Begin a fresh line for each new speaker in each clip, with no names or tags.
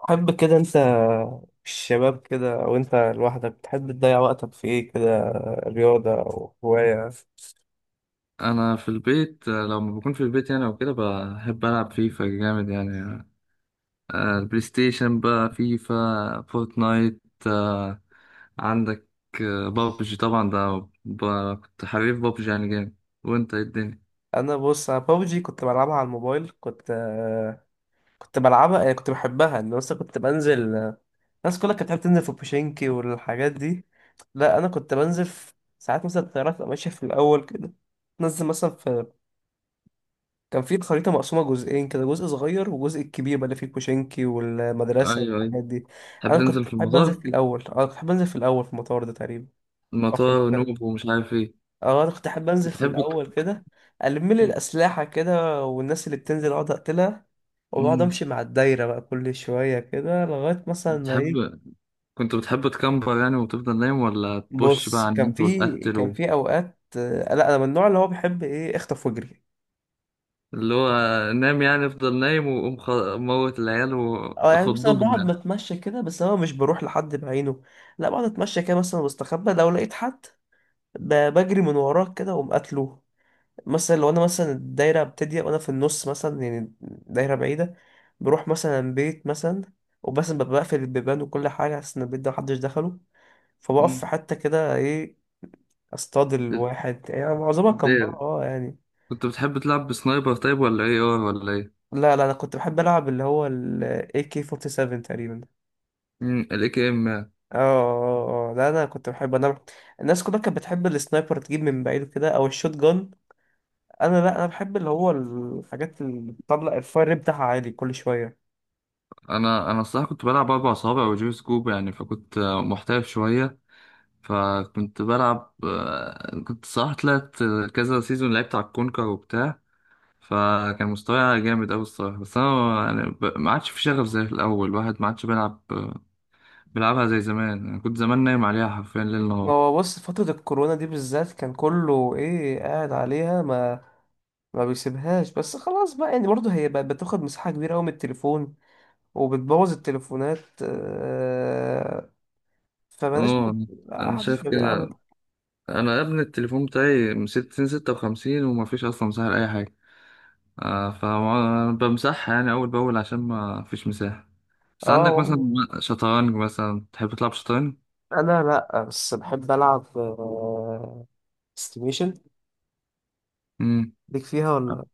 تحب كده انت؟ الشباب كده او انت لوحدك تحب تضيع وقتك في ايه كده؟ رياضة او هواية؟
انا في البيت، لما بكون في البيت يعني وكده بحب العب فيفا جامد يعني. البلاي ستيشن بقى، فيفا، فورتنايت. آه، عندك. بابجي طبعا ده كنت حريف بابجي يعني جامد. وانت ايه الدنيا؟
انا بص بابجي كنت بلعبها على الموبايل، كنت بلعبها يعني، كنت بحبها ان مثلا كنت بنزل. الناس كلها كانت بتحب تنزل في بوشينكي والحاجات دي. لا انا كنت بنزل في ساعات مثلا الطيارات تبقى ماشية في الاول كده، تنزل مثلا في. كان في الخريطة مقسومة جزئين كده، جزء صغير وجزء الكبير بقى اللي فيه كوشنكي والمدرسة
ايوه، ايوه.
والحاجات دي.
تحب
أنا
تنزل
كنت
في
بحب أنزل
المطار؟
في الأول، أنا كنت بحب أنزل في الأول في المطار ده تقريبا، أو في
المطار
المكان.
نوب ومش عارف ايه.
أه، أنا كنت أحب أنزل في
بتحب.
الأول كده، ألم لي الأسلحة كده، والناس اللي بتنزل أقعد أقتلها. وبقعد
مم.
أمشي مع الدايرة بقى كل شوية كده لغاية مثلا ما إيه.
بتحب، كنت بتحب تكمبر يعني وتفضل نايم، ولا تبش بقى
بص
على
كان
النت
في كان
وتقتل؟
في أوقات لا، أنا من النوع اللي هو بيحب إيه، أخطف وأجري.
اللي هو، نام يعني افضل نايم وقوم موت العيال
اه يعني مثلا
وخضهم
بقعد
يعني.
بتمشى كده، بس انا مش بروح لحد بعينه. لا بقعد اتمشى كده مثلا واستخبى، لو لقيت حد بجري من وراه كده واقوم قاتله. مثلا لو انا مثلا الدايره بتضيق وانا في النص مثلا، يعني دايره بعيده، بروح مثلا بيت مثلا، وبس ببقى بقفل البيبان وكل حاجه عشان البيت ده محدش دخله. فبقف في
مم.
حته كده ايه، اصطاد الواحد. يعني معظمها كان
بتضايق.
بره اه يعني.
كنت بتحب تلعب بسنايبر طيب، ولا ايه ار، ولا ايه؟
لا انا كنت بحب العب اللي هو ال AK47 تقريبا.
الاي كي ام.
اه لا، انا كنت بحب انا. الناس كلها كانت بتحب السنايبر، تجيب من بعيد كده او الشوت جان. انا لا، انا بحب اللي هو الحاجات اللي بتطلع الفاير ريت بتاعها عالي كل شويه.
انا الصراحه كنت بلعب اربع صوابع وجيم سكوب يعني، فكنت محترف شويه. فكنت بلعب، كنت صراحه طلعت كذا سيزون لعبت على الكونكر وبتاع. فكان مستواي جامد قوي الصراحه، بس انا يعني ما عادش في شغف زي الاول. الواحد ما عادش بيلعب بيلعبها زي زمان يعني. كنت زمان نايم عليها حرفيا ليل
ما
نهار.
هو بص، فترة الكورونا دي بالذات كان كله ايه قاعد عليها، ما بيسيبهاش. بس خلاص بقى يعني، برضه هي بقت بتاخد مساحة كبيرة قوي من التليفون وبتبوظ التليفونات آه، فبلاش،
اه، انا
محدش
شايف
بقى بيلعبها.
كده. انا يا ابني، التليفون بتاعي من 60، 56، وما فيش اصلا مساحة لأي حاجة. آه فبمسحها يعني اول باول عشان ما فيش مساحة. بس
اه
عندك مثلا،
والله.
شطرنج مثلا، تحب تلعب شطرنج؟
انا لا، بس بحب العب استيميشن.
امم
ليك فيها ولا؟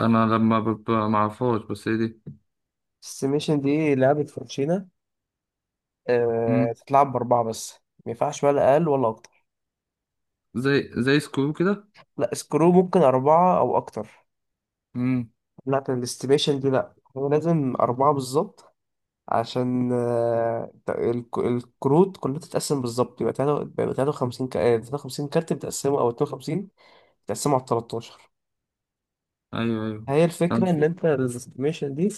انا لما ببقى معرفهاش، بس هي دي.
السيميشن دي لعبة فرنشينة
امم.
تتلعب بأربعة بس، ما ينفعش ولا أقل ولا أكتر.
زي سكرو كده.
لا سكرو ممكن أربعة أو أكتر،
امم.
لكن الاستيميشن دي لأ، هو لازم أربعة بالظبط عشان الكروت كلها تتقسم بالظبط. يبقى 53 53 كارت بتقسمه، أو 52 بتقسمه على 13.
ايوه، ايوه.
هي الفكرة
انا
إن أنت الاستيميشن دي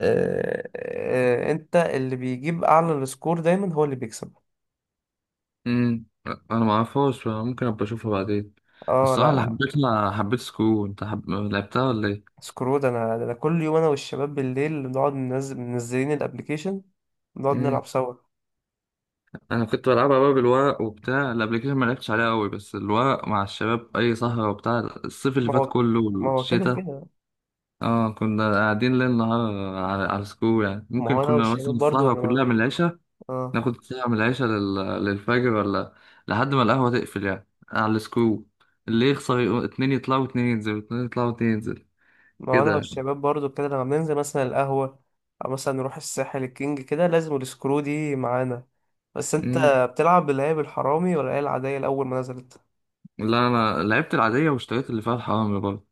أنت اللي بيجيب أعلى السكور دايما هو اللي بيكسب.
امم انا معرفهاش، ممكن ابقى اشوفها بعدين.
اه
الصراحة
لا
اللي
لا
حبيتها، حبيت سكرو. انت لعبتها ولا
سكرو ده انا، ده أنا كل يوم انا والشباب بالليل بنقعد ننزل منزلين الابليكيشن، بنقعد
ايه؟
نلعب سوا.
انا كنت بلعبها بقى بالورق وبتاع، الابلكيشن ما لعبتش عليها قوي، بس الورق مع الشباب اي سهره وبتاع. الصيف اللي
ما
فات
هو
كله
ما هو كده
والشتاء.
كده.
اه، كنا قاعدين ليل نهار على سكول يعني.
ما
ممكن
هو انا
كنا
والشباب
مثلا
برضو
السهره
انا
كلها من
ما...
العشاء،
اه
ناخد ساعه من العشاء للفجر، ولا لحد ما القهوه تقفل يعني على السكول. اللي يخسر اتنين يطلعوا واتنين ينزلوا، اتنين يطلعوا واتنين ينزلوا،
ما هو انا
كده يعني.
والشباب برضو كده لما بننزل مثلا القهوة، او مثلا نروح الساحل الكينج كده، لازم السكرو دي معانا. بس انت
مم.
بتلعب باللي هي بالحرامي ولا هي العادية الاول ما نزلت؟
لا، انا لعبت العاديه واشتريت اللي فيها الحرامي برضه،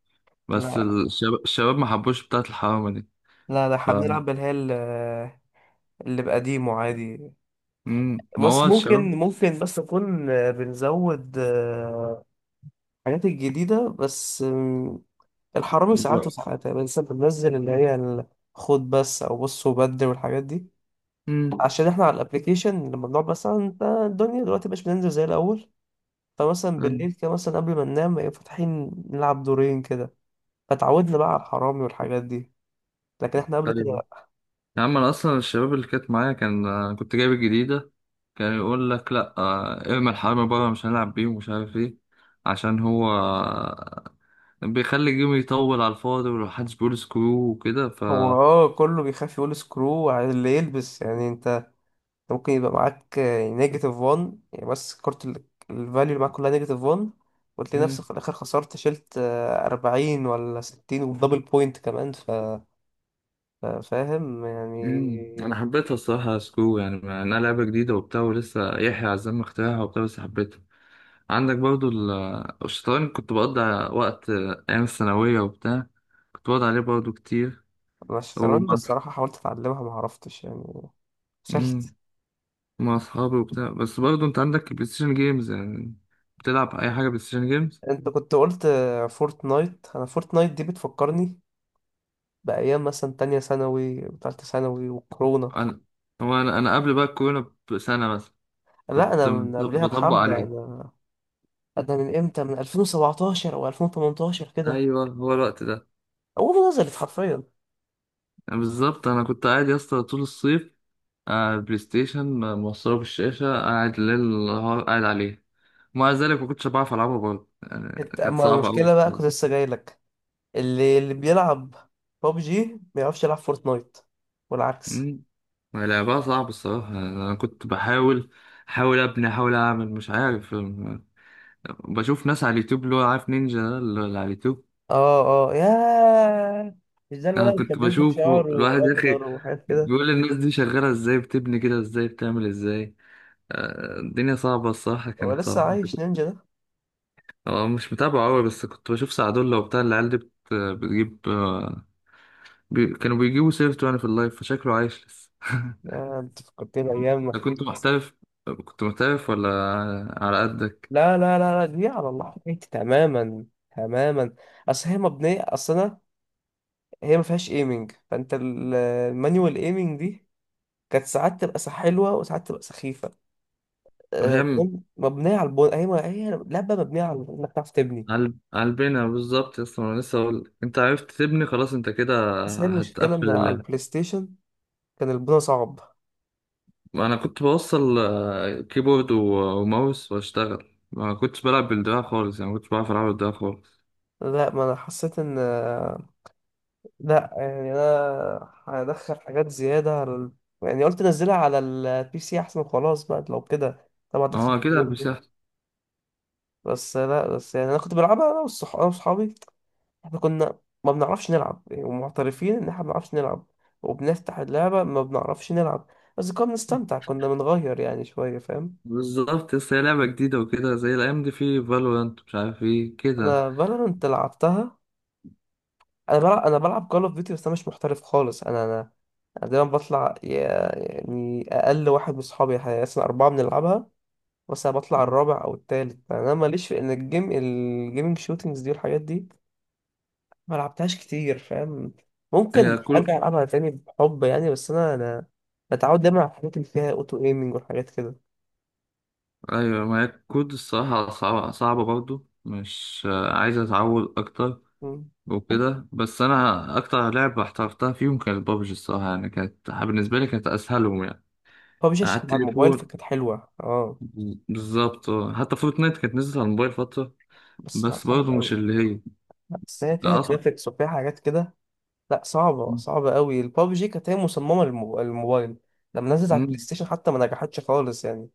بس
لا
الشباب ما حبوش بتاعه الحرامي. دي.
لا احنا بنلعب اللي بقديمه عادي.
مم. ما
بس
هو الشباب.
ممكن نكون بنزود الحاجات الجديدة بس الحرامي ساعات وساعات. يعني لسه بننزل خد بس، أو بص وبدل والحاجات دي،
مم.
عشان احنا على الابليكيشن لما بنقعد مثلا، انت الدنيا دلوقتي مش بننزل زي الأول. فمثلا
مم.
بالليل كده مثلا قبل ما ننام يبقى فاتحين نلعب دورين كده، فتعودنا بقى على الحرامي والحاجات دي، لكن احنا قبل كده
طيب.
لأ.
يا عم انا اصلا الشباب اللي كانت معايا كان، كنت جايب الجديده، كان يقول لك لا، ارمي الحرامي بره، مش هنلعب بيه ومش عارف ايه. عشان هو بيخلي الجيم يطول على الفاضي، ومحدش بيقول سكرو وكده ف.
هو اه كله بيخاف يقول سكرو على اللي يلبس يعني. انت ممكن يبقى معاك نيجاتيف 1 يعني، بس كارت الفاليو اللي معاك كلها نيجاتيف 1، وتلاقي نفسك
مم.
في الآخر خسرت، شلت أربعين ولا ستين، ودبل بوينت كمان فاهم
مم. انا
يعني.
حبيتها الصراحه سكرو يعني، انها لعبه جديده وبتاع، ولسه يحيى عزام اخترعها وبتاع، بس حبيتها. عندك برضو الشطرنج، كنت بقضي وقت أيام الثانوية وبتاع، كنت بقعد عليه برضو كتير.
أنا الشطرنج
ومع.
الصراحة حاولت أتعلمها ما عرفتش يعني،
مم.
فشلت.
مع أصحابي وبتاع، بس برضو أنت عندك بلاي ستيشن جيمز يعني. بتلعب أي حاجة بلاي ستيشن جيمز؟
أنت كنت قلت فورتنايت، أنا فورتنايت دي بتفكرني بأيام مثلا تانية ثانوي وتالتة ثانوي وكورونا.
أنا. هو أنا قبل بقى الكورونا بسنة مثلا
لا
كنت
أنا من قبلها
بطبق
بحبة،
عليه.
أنا من إمتى، من 2017 أو 2018 كده،
أيوه، هو الوقت ده
هو نزلت حرفيا.
يعني. بالظبط، أنا كنت قاعد يا اسطى طول الصيف، بلاي ستيشن موصله بالشاشة، قاعد ليل نهار قاعد عليه. ومع ذلك ما كنتش بعرف ألعبها برضه يعني،
انت
كانت
اما
صعبة أوي
المشكله بقى
الصراحة.
كنت لسه جاي لك. اللي بيلعب بابجي ما يعرفش يلعب فورتنايت والعكس.
أمم. لعبها صعب الصراحة يعني، أنا كنت بحاول، أحاول أبني، أحاول أعمل مش عارف بشوف ناس على اليوتيوب اللي هو، عارف نينجا ده اللي على اليوتيوب.
اه يا، مش ده
أنا
الولد اللي كان
كنت
بيصبغ
بشوفه
شعره
الواحد يا أخي،
اخضر وحاجات كده؟
بيقول الناس دي شغالة إزاي، بتبني كده إزاي، بتعمل إزاي. الدنيا صعبة الصراحة،
هو
كانت
لسه
صعبة.
عايش نينجا ده؟
اه، مش متابعه قوي، بس كنت بشوف سعدولة وبتاع العيال دي بتجيب كانوا بيجيبوا سيرته يعني في اللايف، فشكله عايش لسه
يا انت فكرتني ايام ما
أنا
كنت.
كنت محترف. كنت محترف ولا على قدك؟
لا دي على الله حكايتي تماما، تماما. اصل هي مبنيه، اصل انا هي ما فيهاش ايمنج. فانت المانيوال ايمنج دي كانت ساعات تبقى حلوه وساعات تبقى سخيفه
هي م-
كمان. مبنية على البن... هي هي لعبة مبنية على إنك تعرف تبني.
علبنا بالظبط يا اسطى. انا لسه اقول لك، انت عرفت تبني خلاص، انت كده
بس هي المشكلة
هتقفل
إن على
اللعب.
البلاي ستيشن كان البناء صعب.
انا كنت بوصل كيبورد وماوس واشتغل. ما كنتش بلعب بالدراع خالص يعني، ما كنتش بعرف العب بالدراع خالص.
لا، ما أنا حسيت إن آه، لا يعني أنا هدخل حاجات زيادة على ال... يعني قلت أنزلها على البي سي أحسن وخلاص بقى، لو كده طبعا
اه،
دخلت
اكيد على البي
برضه.
سي.
بس لا، بس يعني أنا كنت بلعبها أنا وصحابي. إحنا كنا ما بنعرفش نلعب يعني، ومعترفين إن إحنا ما بنعرفش نلعب، وبنفتح اللعبة ما بنعرفش نلعب، بس كنا بنستمتع، كنا بنغير يعني شوية، فاهم.
بالظبط، لسه هي لعبة جديدة وكده، زي الأيام دي في فالورانت، مش عارف ايه كده.
انا فالورانت لعبتها. انا بلعب كول اوف ديوتي، بس انا مش محترف خالص. انا انا أنا دايما بطلع يعني اقل واحد من اصحابي. احنا اصلا اربعه بنلعبها، بس انا بطلع الرابع او التالت، فانا ماليش في ان الجيم الجيمنج شوتينجز دي والحاجات دي، ما لعبتهاش كتير، فاهم.
هي
ممكن
كل
ارجع العبها تاني بحب يعني، بس انا بتعود دايما على الحاجات اللي فيها اوتو ايمنج والحاجات كده.
أيوة، ما هي كود الصراحة صعبة، صعبة برضو، مش عايز أتعود أكتر.
مم.
وكده. بس أنا أكتر لعبة احترفتها فيهم كانت بابجي الصراحة يعني، كانت بالنسبة لي كانت أسهلهم يعني.
فبشاش
على
كانت على الموبايل
التليفون
فكانت حلوه اه،
بالظبط. حتى فورتنايت كانت نزلت على الموبايل فترة،
بس لا
بس
صعب
برضو مش
قوي،
اللي هي.
بس هي فيها
لا، أصعب.
جرافيكس وفيها حاجات كده. لا صعبة صعبة قوي. البابجي كانت هي مصممة للموبايل، لما نزلت على البلاي
مم.
ستيشن حتى ما نجحتش خالص يعني.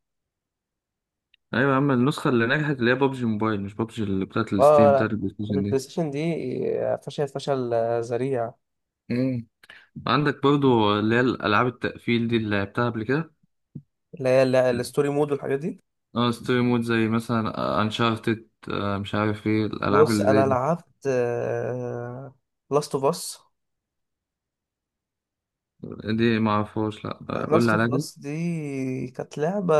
أيوة يا عم، النسخة اللي نجحت اللي هي بابجي موبايل، مش بابجي اللي بتاعت
اه
الستيم
لا،
بتاعت البلاي ستيشن.
البلاي ستيشن دي فشل، فشل ذريع.
مم. عندك برضو اللي هي الألعاب التقفيل دي اللي لعبتها قبل كده.
الستوري مود والحاجات دي،
اه، ستوري مود، زي مثلا انشارتد، مش عارف ايه الألعاب
بص
اللي زي
انا
دي.
لعبت لاست اوف اس.
دي معرفهاش لأ، قول لي
لاست
عليها
اوف
كده.
اس دي كانت لعبة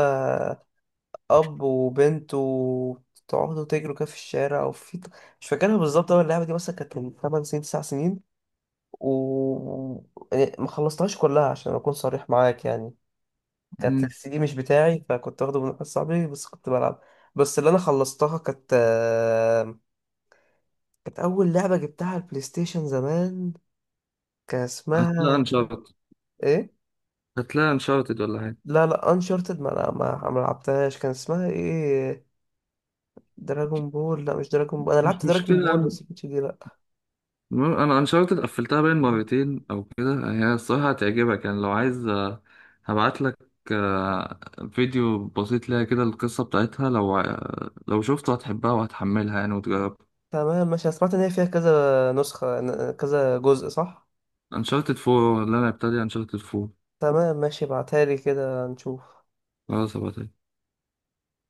اب وبنت، وتقعدوا تجروا كده في الشارع وفي، مش فاكرها بالظبط. اول اللعبة دي مثلا كانت من 8 سنين، 9 سنين، وما خلصتهاش كلها عشان اكون صريح معاك يعني. كانت
مم.
السي دي مش بتاعي، فكنت واخده من واحد صاحبي، بس كنت بلعب. بس اللي انا خلصتها كانت كانت اول لعبه جبتها على البلاي ستيشن زمان، كان
هتلاقي
اسمها
انشارتد
ايه؟
هتلاقي انشارتد ولا حاجة.
لا انشارتد ما، لا ما ما لعبتهاش. كان اسمها ايه، دراجون بول؟ لا مش دراجون بول، انا
مش
لعبت دراجون
مشكلة يا
بول
عم.
بس مش دي لا.
المهم أنا انشارتد قفلتها باين مرتين أو كده، هي الصراحة هتعجبك يعني، لو عايز هبعتلك آه، فيديو بسيط ليها كده، القصة بتاعتها لو لو شفته هتحبها وهتحملها يعني وتجربها.
تمام ماشي، أنا سمعت ان هي فيها كذا نسخه، كذا جزء صح؟
انشارتد 4 اللي انا ابتدي انشارتد 4.
تمام ماشي، ابعتها لي كده نشوف.
خلاص ابقى